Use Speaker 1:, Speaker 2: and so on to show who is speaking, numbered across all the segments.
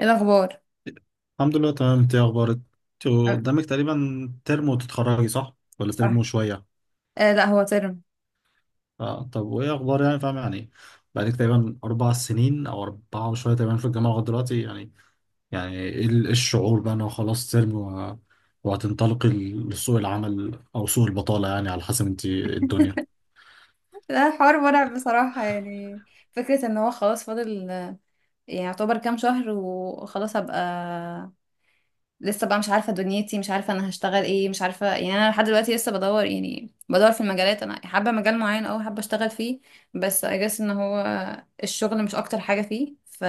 Speaker 1: ايه الاخبار؟
Speaker 2: الحمد لله، تمام. انت ايه اخبارك؟ انت
Speaker 1: آه،
Speaker 2: قدامك تقريبا ترم وتتخرجي، صح، ولا ترم
Speaker 1: صح.
Speaker 2: وشويه؟
Speaker 1: آه، لا هو ترم.
Speaker 2: آه. طب وايه اخبار، يعني فاهم يعني. بقالك تقريبا 4 سنين او اربعه وشويه تقريبا في الجامعه لغايه دلوقتي يعني. يعني ايه ايه الشعور بقى ان هو خلاص ترم وهتنطلقي لسوق العمل او سوق البطاله، يعني على حسب انت ايه الدنيا.
Speaker 1: ده حوار مرعب بصراحة يعني. فكرة ان هو خلاص فاضل، يعني يعتبر كام شهر وخلاص هبقى. لسه بقى مش عارفة دنيتي، مش عارفة انا هشتغل ايه، مش عارفة يعني. انا لحد دلوقتي لسه بدور، يعني بدور في المجالات انا حابة مجال معين او حابة اشتغل فيه. بس اجس ان هو الشغل مش اكتر حاجة فيه، ف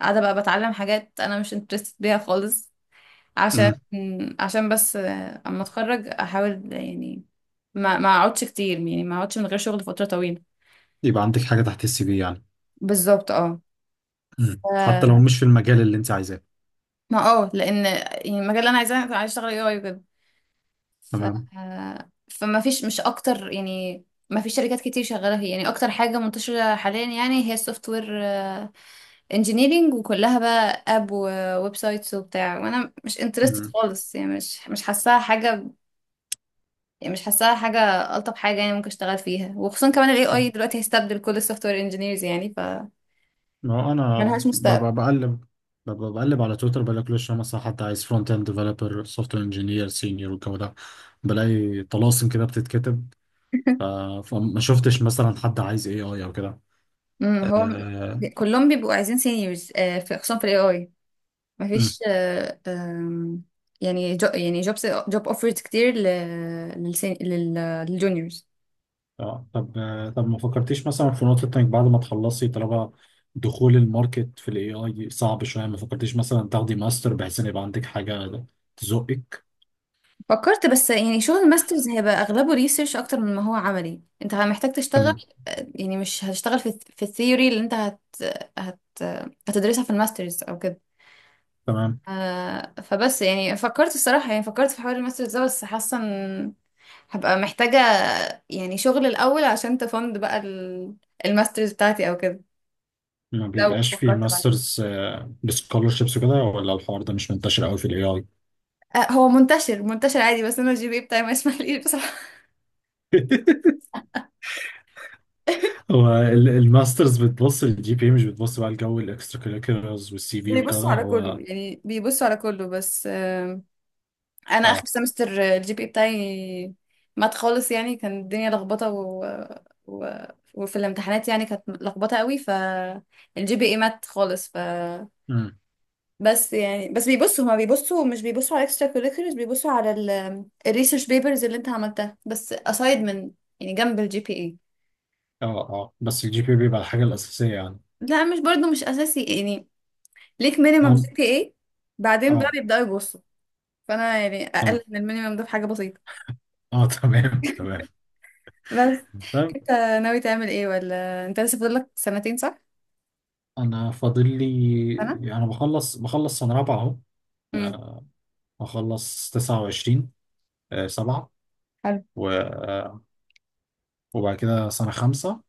Speaker 1: قاعدة بقى بتعلم حاجات انا مش انترستد بيها خالص. عشان
Speaker 2: امم.
Speaker 1: عشان بس آه، اما اتخرج احاول يعني ما اقعدش كتير، يعني ما اقعدش من غير شغل فترة طويلة.
Speaker 2: يبقى عندك حاجه تحت السي في يعني.
Speaker 1: بالظبط اه. ف...
Speaker 2: حتى لو مش في المجال اللي انت عايزاه.
Speaker 1: ما اه، لان يعني المجال اللي انا عايزاه كنت عايزه اشتغل اي اي وكده. ف...
Speaker 2: تمام.
Speaker 1: فما فيش، مش اكتر يعني. ما فيش شركات كتير شغاله فيه يعني. اكتر حاجه منتشره حاليا يعني هي السوفت وير انجينيرنج، وكلها بقى اب وويب سايتس وبتاع، وانا مش انترستد خالص يعني. مش حاساها حاجه، يعني مش حاساها حاجة. ألطف حاجة يعني ممكن اشتغل فيها، وخصوصا كمان ال
Speaker 2: امم.
Speaker 1: AI دلوقتي هيستبدل كل ال software engineers يعني، ف
Speaker 2: ما هو انا
Speaker 1: ملهاش مستقبل.
Speaker 2: ببقى بقلب ببقى بقلب على تويتر، بلاقي كل شويه مثلا حد عايز فرونت اند ديفلوبر، سوفت وير انجينير، سينيور، والجو ده، بلاقي طلاسم كده بتتكتب. ف- فما شفتش مثلا حد عايز اي اي او كده.
Speaker 1: هو
Speaker 2: آه.
Speaker 1: كلهم بيبقوا عايزين seniors، آه، في خصوصا في ال AI.
Speaker 2: أمم.
Speaker 1: مفيش آه، آم، يعني جو، يعني jobs، job offers كتير لل للجونيورز.
Speaker 2: آه، طب ما فكرتيش مثلا في نقطه انك بعد ما تخلصي، طالما دخول الماركت في الاي اي صعب شويه، ما فكرتيش مثلا تاخدي ماستر بحيث ان يبقى عندك حاجه تزقك.
Speaker 1: فكرت، بس يعني شغل الماسترز هيبقى أغلبه ريسيرش أكتر من ما هو عملي. انت محتاج تشتغل
Speaker 2: تمام،
Speaker 1: يعني، مش هتشتغل في الثيوري اللي انت هت... هتدرسها في الماسترز أو كده.
Speaker 2: تمام.
Speaker 1: آه، فبس يعني فكرت الصراحة، يعني فكرت في حوار الماسترز ده، بس حاسة ان هبقى محتاجة يعني شغل الأول عشان تفند بقى الماسترز بتاعتي أو كده.
Speaker 2: ما
Speaker 1: لو
Speaker 2: بيبقاش فيه
Speaker 1: فكرت بعد كده.
Speaker 2: ماسترز بسكولرشيبس وكده، ولا الحوار ده مش منتشر قوي في الاي اي؟
Speaker 1: آه، هو منتشر عادي، بس أنا الجي بي إيه بتاعي ما يسمحليش بصراحة.
Speaker 2: هو الماسترز بتبص للجي بي، مش بتبص بقى لجو الاكسترا كريكولرز والسي في وكده، هو.
Speaker 1: يعني بيبصوا على كله، بس آه، أنا آخر
Speaker 2: اه.
Speaker 1: سمستر الجي بي إيه بتاعي مات خالص. يعني كان الدنيا لخبطة، و... وفي الامتحانات يعني كانت لخبطة قوي، فالجي بي اي مات خالص.
Speaker 2: امم.
Speaker 1: بس يعني بس بيبصوا هما بيبصوا مش بيبصوا على اكسترا كوريكولرز، بيبصوا على الريسيرش بيبرز اللي انت عملتها، بس aside من، يعني جنب الجي بي اي.
Speaker 2: اه، اه، بس الجي بي بيبقى الحاجة الأساسية يعني.
Speaker 1: لا، مش برضو مش اساسي يعني. ليك مينيمم جي
Speaker 2: أم.
Speaker 1: بي اي، بعدين بقى
Speaker 2: اه.
Speaker 1: بيبداوا يبصوا. فانا يعني
Speaker 2: تمام.
Speaker 1: اقل من المينيمم ده في حاجه بسيطه.
Speaker 2: اه. تمام، تمام.
Speaker 1: بس
Speaker 2: طيب.
Speaker 1: انت ناوي تعمل ايه؟ ولا انت لسه فاضل لك سنتين؟ صح؟
Speaker 2: أنا فاضل لي،
Speaker 1: انا.
Speaker 2: يعني أنا بخلص سنة رابعة أهو.
Speaker 1: امم.
Speaker 2: آه. هخلص 29، سبعة.
Speaker 1: حلو.
Speaker 2: وبعد كده سنة خمسة.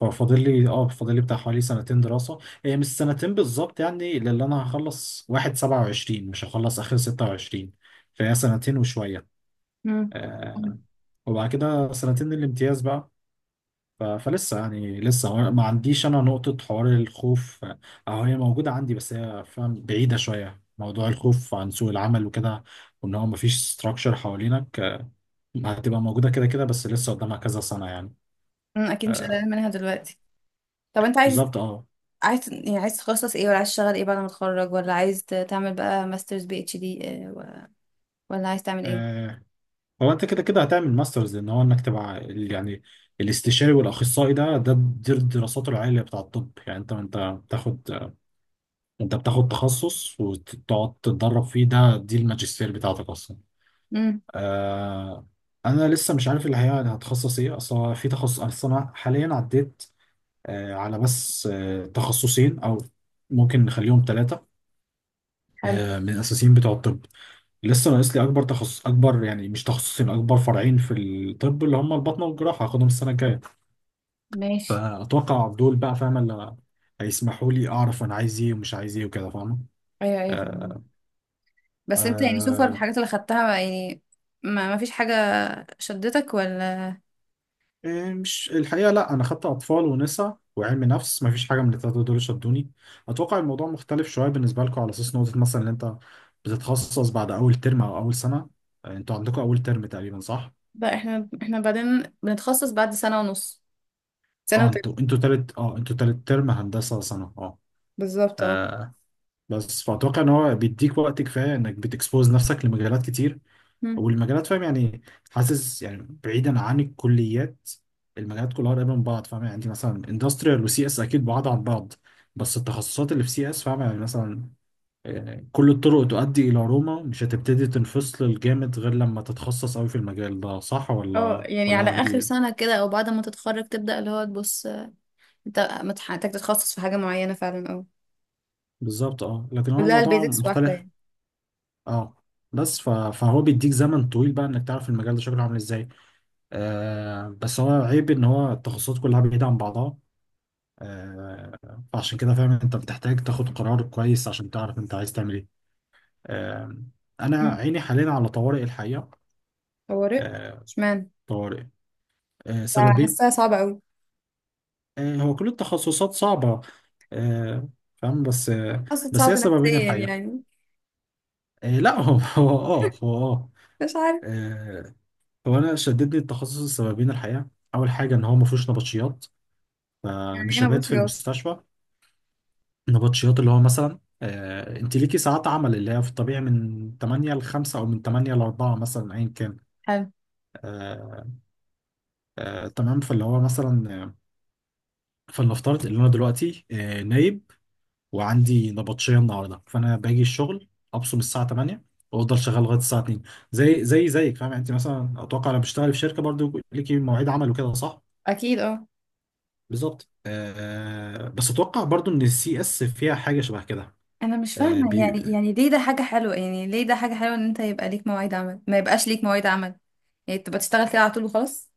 Speaker 2: ففاضل لي اه فاضل لي بتاع حوالي سنتين دراسة. هي مش سنتين بالظبط يعني، لأن أنا هخلص واحد سبعة وعشرين، مش هخلص آخر 26. فهي سنتين وشوية.
Speaker 1: امم.
Speaker 2: آه. وبعد كده سنتين الامتياز بقى. فلسه يعني، لسه ما عنديش أنا نقطة حوار الخوف. أو هي موجودة عندي، بس هي فاهم بعيدة شوية. موضوع الخوف عن سوق العمل وكده، وإن هو مفيش ستراكشر حوالينك، هتبقى موجودة كده كده، بس لسه قدامها كذا سنة يعني.
Speaker 1: اكيد مش
Speaker 2: آه،
Speaker 1: قلقان منها دلوقتي. طب انت عايز،
Speaker 2: بالظبط، اه.
Speaker 1: عايز تخصص ايه؟ ولا عايز تشتغل ايه بعد ما تتخرج؟ ولا عايز تعمل بقى ماسترز بي اتش دي؟ ولا عايز تعمل ايه؟
Speaker 2: آه، هو انت كده كده هتعمل ماسترز. ان هو انك تبقى يعني الاستشاري والاخصائي، ده ده دي دراساته العليا بتاع الطب يعني. بتاخد انت بتاخد تخصص وتقعد تتدرب فيه، دي الماجستير بتاعتك اصلا.
Speaker 1: امم.
Speaker 2: آه. انا لسه مش عارف اللي هي هتخصص ايه اصلا، في تخصص اصلا، انا حاليا عديت على بس تخصصين او ممكن نخليهم ثلاثة،
Speaker 1: حلو.
Speaker 2: من الاساسيين بتوع الطب. لسه ناقص لي اكبر تخصص اكبر يعني، مش تخصصين، اكبر فرعين في الطب، اللي هم البطنه والجراحه، هاخدهم السنه الجايه.
Speaker 1: ماشي.
Speaker 2: فاتوقع دول بقى، فاهم، اللي هيسمحوا لي اعرف انا عايز ايه ومش عايز ايه وكده، فاهم.
Speaker 1: ايوه ايوه، فهمت.
Speaker 2: آه.
Speaker 1: بس انت يعني سوفر
Speaker 2: آه.
Speaker 1: الحاجات اللي خدتها يعني، ما فيش حاجة شدتك؟ ولا؟
Speaker 2: إيه، مش الحقيقه لا، انا خدت اطفال ونساء وعلم نفس، ما فيش حاجه من الثلاثه دول شدوني. اتوقع الموضوع مختلف شويه بالنسبه لكم، على اساس نقطه مثلا ان انت بتتخصص بعد اول ترم او اول سنه. آه، انتوا عندكم اول ترم تقريبا، صح؟
Speaker 1: بقى احنا، بعدين بنتخصص بعد سنة ونص، سنة وتلت.
Speaker 2: انتوا تالت، ترم هندسه سنه، اه.
Speaker 1: بالظبط اه.
Speaker 2: آه، بس فأتوقع إن هو بيديك وقت كفاية إنك بتكسبوز نفسك لمجالات كتير.
Speaker 1: مم.
Speaker 2: والمجالات، فاهم يعني، حاسس يعني، بعيدا عن الكليات، المجالات كلها قريبة من بعض، فاهم يعني. عندي مثلا اندستريال وسي اس، أكيد بعاد عن بعض. بس التخصصات اللي في سي اس فاهم يعني، مثلا، آه، كل الطرق تؤدي إلى روما. مش هتبتدي تنفصل الجامد غير لما تتخصص أوي في المجال ده، صح
Speaker 1: اه،
Speaker 2: ولا
Speaker 1: يعني
Speaker 2: ولا أنا
Speaker 1: على اخر
Speaker 2: عندي؟
Speaker 1: سنة كده، او بعد ما تتخرج تبدأ اللي هو تبص انت محتاج تتخصص في حاجة معينة فعلا، اه.
Speaker 2: بالظبط، اه. لكن هو
Speaker 1: كلها
Speaker 2: الموضوع
Speaker 1: البيزكس واحدة
Speaker 2: مختلف.
Speaker 1: يعني.
Speaker 2: اه. بس فهو بيديك زمن طويل بقى انك تعرف المجال ده شكله عامل ازاي. آه، بس هو عيب ان هو التخصصات كلها بعيدة عن بعضها. آه. فعشان كده فاهم انت بتحتاج تاخد قرار كويس، عشان تعرف انت عايز تعمل ايه. آه. انا
Speaker 1: مم.
Speaker 2: عيني حاليا على طوارئ، الحقيقة.
Speaker 1: طوارئ؟
Speaker 2: آه.
Speaker 1: اشمعنى؟
Speaker 2: طوارئ. آه، سببين.
Speaker 1: حاساها صعبة أوي.
Speaker 2: آه، هو كل التخصصات صعبة. آه. فاهم، بس.
Speaker 1: أصلا
Speaker 2: بس
Speaker 1: صعب
Speaker 2: هي سببين
Speaker 1: نفسيا
Speaker 2: الحقيقة.
Speaker 1: يعني.
Speaker 2: آه لا هو هو اه هو اه
Speaker 1: مش عارف
Speaker 2: آه، هو انا شددني التخصص السببين الحقيقة. اول حاجة ان هو ما فيهوش نبطشيات،
Speaker 1: يعني.
Speaker 2: فمش
Speaker 1: أنا
Speaker 2: هبات
Speaker 1: مش
Speaker 2: في
Speaker 1: جواب.
Speaker 2: المستشفى. نبطشيات اللي هو مثلا، انت ليكي ساعات عمل اللي هي في الطبيعي من 8 ل 5 او من 8 ل 4 مثلا، ايا كان.
Speaker 1: حلو.
Speaker 2: آه. تمام. فاللي هو مثلا، فلنفترض ان انا دلوقتي نايب، وعندي نبطشيه النهارده، فانا باجي الشغل، ابصم الساعه 8، وافضل شغال لغايه الساعه 2. زي زي زيك، فاهم يعني. انت مثلا اتوقع لو بتشتغلي في شركه، برضو ليكي مواعيد عمل وكده، صح؟
Speaker 1: اكيد اه.
Speaker 2: بالظبط. آه، آه، بس اتوقع برضو ان السي اس فيها حاجه شبه كده.
Speaker 1: انا مش فاهمه يعني، يعني ليه ده حاجه حلوه؟ يعني ليه ده حاجه حلوه ان انت يبقى ليك مواعيد عمل، ما يبقاش ليك مواعيد عمل؟ يعني تبقى تشتغل كده على طول وخلاص.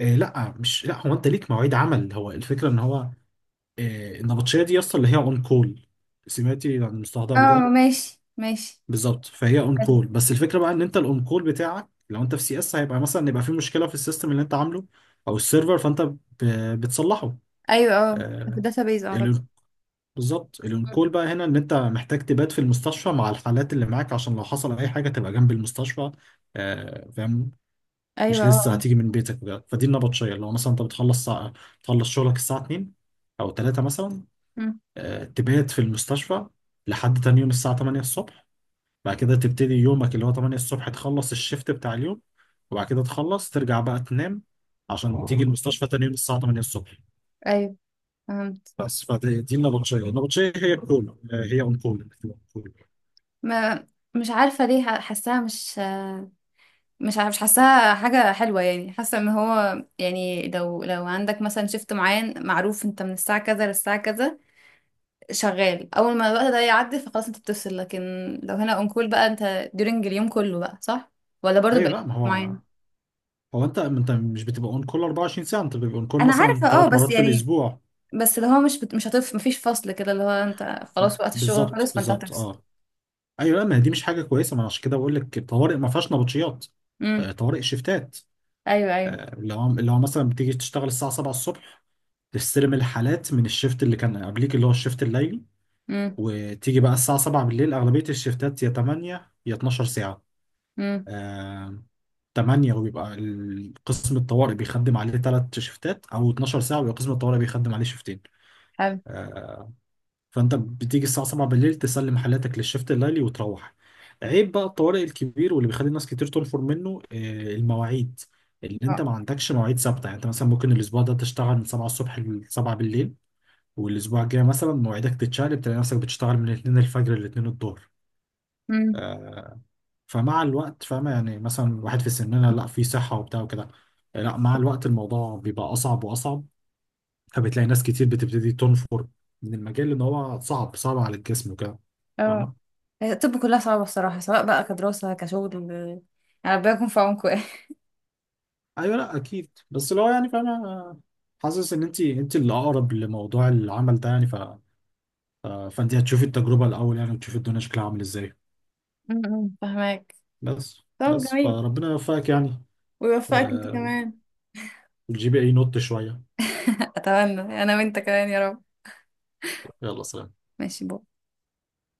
Speaker 2: لا، هو انت ليك مواعيد عمل. هو الفكره ان هو، آه، النبطشيه دي اصلا اللي هي اون كول. سمعتي عن المصطلح ده قبل
Speaker 1: اه،
Speaker 2: كده؟
Speaker 1: ماشي ماشي.
Speaker 2: بالظبط. فهي اون
Speaker 1: حلو.
Speaker 2: كول، بس الفكره بقى ان انت الاون كول بتاعك، لو انت في سي اس، هيبقى مثلا يبقى في مشكله في السيستم اللي انت عامله او السيرفر، فانت بتصلحه.
Speaker 1: ايوه اه، في
Speaker 2: آه
Speaker 1: الداتابيز اعتقد.
Speaker 2: ال- بالظبط. الاون كول بقى هنا ان انت محتاج تبات في المستشفى مع الحالات اللي معاك، عشان لو حصل اي حاجه تبقى جنب المستشفى، آه، فاهم.
Speaker 1: ايوه
Speaker 2: مش
Speaker 1: اه،
Speaker 2: لسه
Speaker 1: آه.
Speaker 2: هتيجي من بيتك بجد. فدي النبطشيه، اللي هو مثلا انت بتخلص شغلك الساعه 2 او 3 مثلا،
Speaker 1: مم.
Speaker 2: آه، تبات في المستشفى لحد تاني يوم الساعه 8 الصبح. بعد كده تبتدي يومك اللي هو 8 الصبح، تخلص الشيفت بتاع اليوم، وبعد كده تخلص ترجع بقى تنام، عشان تيجي المستشفى تاني يوم الساعه 8 الصبح.
Speaker 1: ايوه، فهمت.
Speaker 2: بس فدي دي النبطشيه هي الكول، آه، هي اون كول إنك تبقى on call.
Speaker 1: ما مش عارفه ليه حاساها مش، مش حاساها حاجة حلوة يعني. حاسة ان هو يعني، لو عندك مثلا شيفت معين معروف انت من الساعة كذا للساعة كذا، شغال اول ما الوقت ده يعدي فخلاص انت بتفصل. لكن لو هنا اون كول بقى انت ديورنج اليوم كله بقى صح؟ ولا برضو
Speaker 2: ايوه،
Speaker 1: بقى
Speaker 2: لا، ما هو،
Speaker 1: معين؟
Speaker 2: هو انت مش بتبقى اون كول 24 ساعه. انت بتبقى اون كول
Speaker 1: انا عارفة
Speaker 2: مثلا
Speaker 1: اه،
Speaker 2: ثلاث
Speaker 1: بس
Speaker 2: مرات في
Speaker 1: يعني
Speaker 2: الاسبوع.
Speaker 1: بس اللي هو مش هتف، مفيش فصل كده اللي هو انت خلاص وقت الشغل
Speaker 2: بالظبط،
Speaker 1: خلاص فانت
Speaker 2: بالظبط،
Speaker 1: هتفصل.
Speaker 2: اه. ايوه، لا، ما هي دي مش حاجه كويسه. ما أنا عشان كده بقول لك، الطوارئ ما فيهاش نبطشيات. آه،
Speaker 1: امم.
Speaker 2: طوارئ شيفتات.
Speaker 1: ايوه ايوه.
Speaker 2: آه، اللي هو مثلا بتيجي تشتغل الساعه 7 الصبح، تستلم الحالات من الشيفت اللي كان قبليك اللي هو الشيفت الليلي.
Speaker 1: امم.
Speaker 2: وتيجي بقى الساعه 7 بالليل. اغلبيه الشيفتات يا 8 يا 12
Speaker 1: امم.
Speaker 2: ساعه. آه، 8. وبيبقى قسم الطوارئ بيخدم عليه 3 شيفتات، او 12 ساعه ويبقى قسم الطوارئ بيخدم عليه شيفتين.
Speaker 1: حلو.
Speaker 2: آه، فانت بتيجي الساعه 7 بالليل، تسلم حالاتك للشفت الليلي وتروح. عيب بقى الطوارئ الكبير واللي بيخلي الناس كتير تنفر منه، آه، المواعيد، اللي انت ما عندكش مواعيد ثابته يعني. انت مثلا ممكن الاسبوع ده تشتغل من 7 الصبح ل 7 بالليل، والاسبوع الجاي مثلا مواعيدك تتشقلب، تلاقي نفسك بتشتغل من 2 الفجر ل 2 الظهر.
Speaker 1: اه
Speaker 2: آه، فمع الوقت، فاهمة يعني، مثلا واحد في سننا، لا، في صحة وبتاع وكده، لا، مع الوقت الموضوع بيبقى أصعب وأصعب. فبتلاقي ناس كتير بتبتدي تنفر من المجال، لان هو صعب صعب على الجسم وكده،
Speaker 1: اه.
Speaker 2: فاهمه.
Speaker 1: هي الطب كلها صعبة الصراحة، سواء بقى كدراسة كشغل يعني. ربنا يكون في عونكم يعني.
Speaker 2: ايوه، لا اكيد، بس لو يعني فاهمه، حاسس ان انت اللي اقرب لموضوع العمل ده يعني، فانت هتشوفي التجربه الاول يعني، وتشوفي الدنيا شكلها عامل ازاي.
Speaker 1: فهماك.
Speaker 2: بس
Speaker 1: طب
Speaker 2: بس
Speaker 1: جميل.
Speaker 2: فربنا يوفقك يعني.
Speaker 1: ويوفقك انت
Speaker 2: و-
Speaker 1: كمان.
Speaker 2: وتجيبي اي نوت شويه.
Speaker 1: أتمنى، أنا وأنت كمان يا رب.
Speaker 2: يلا، سلام.
Speaker 1: ماشي.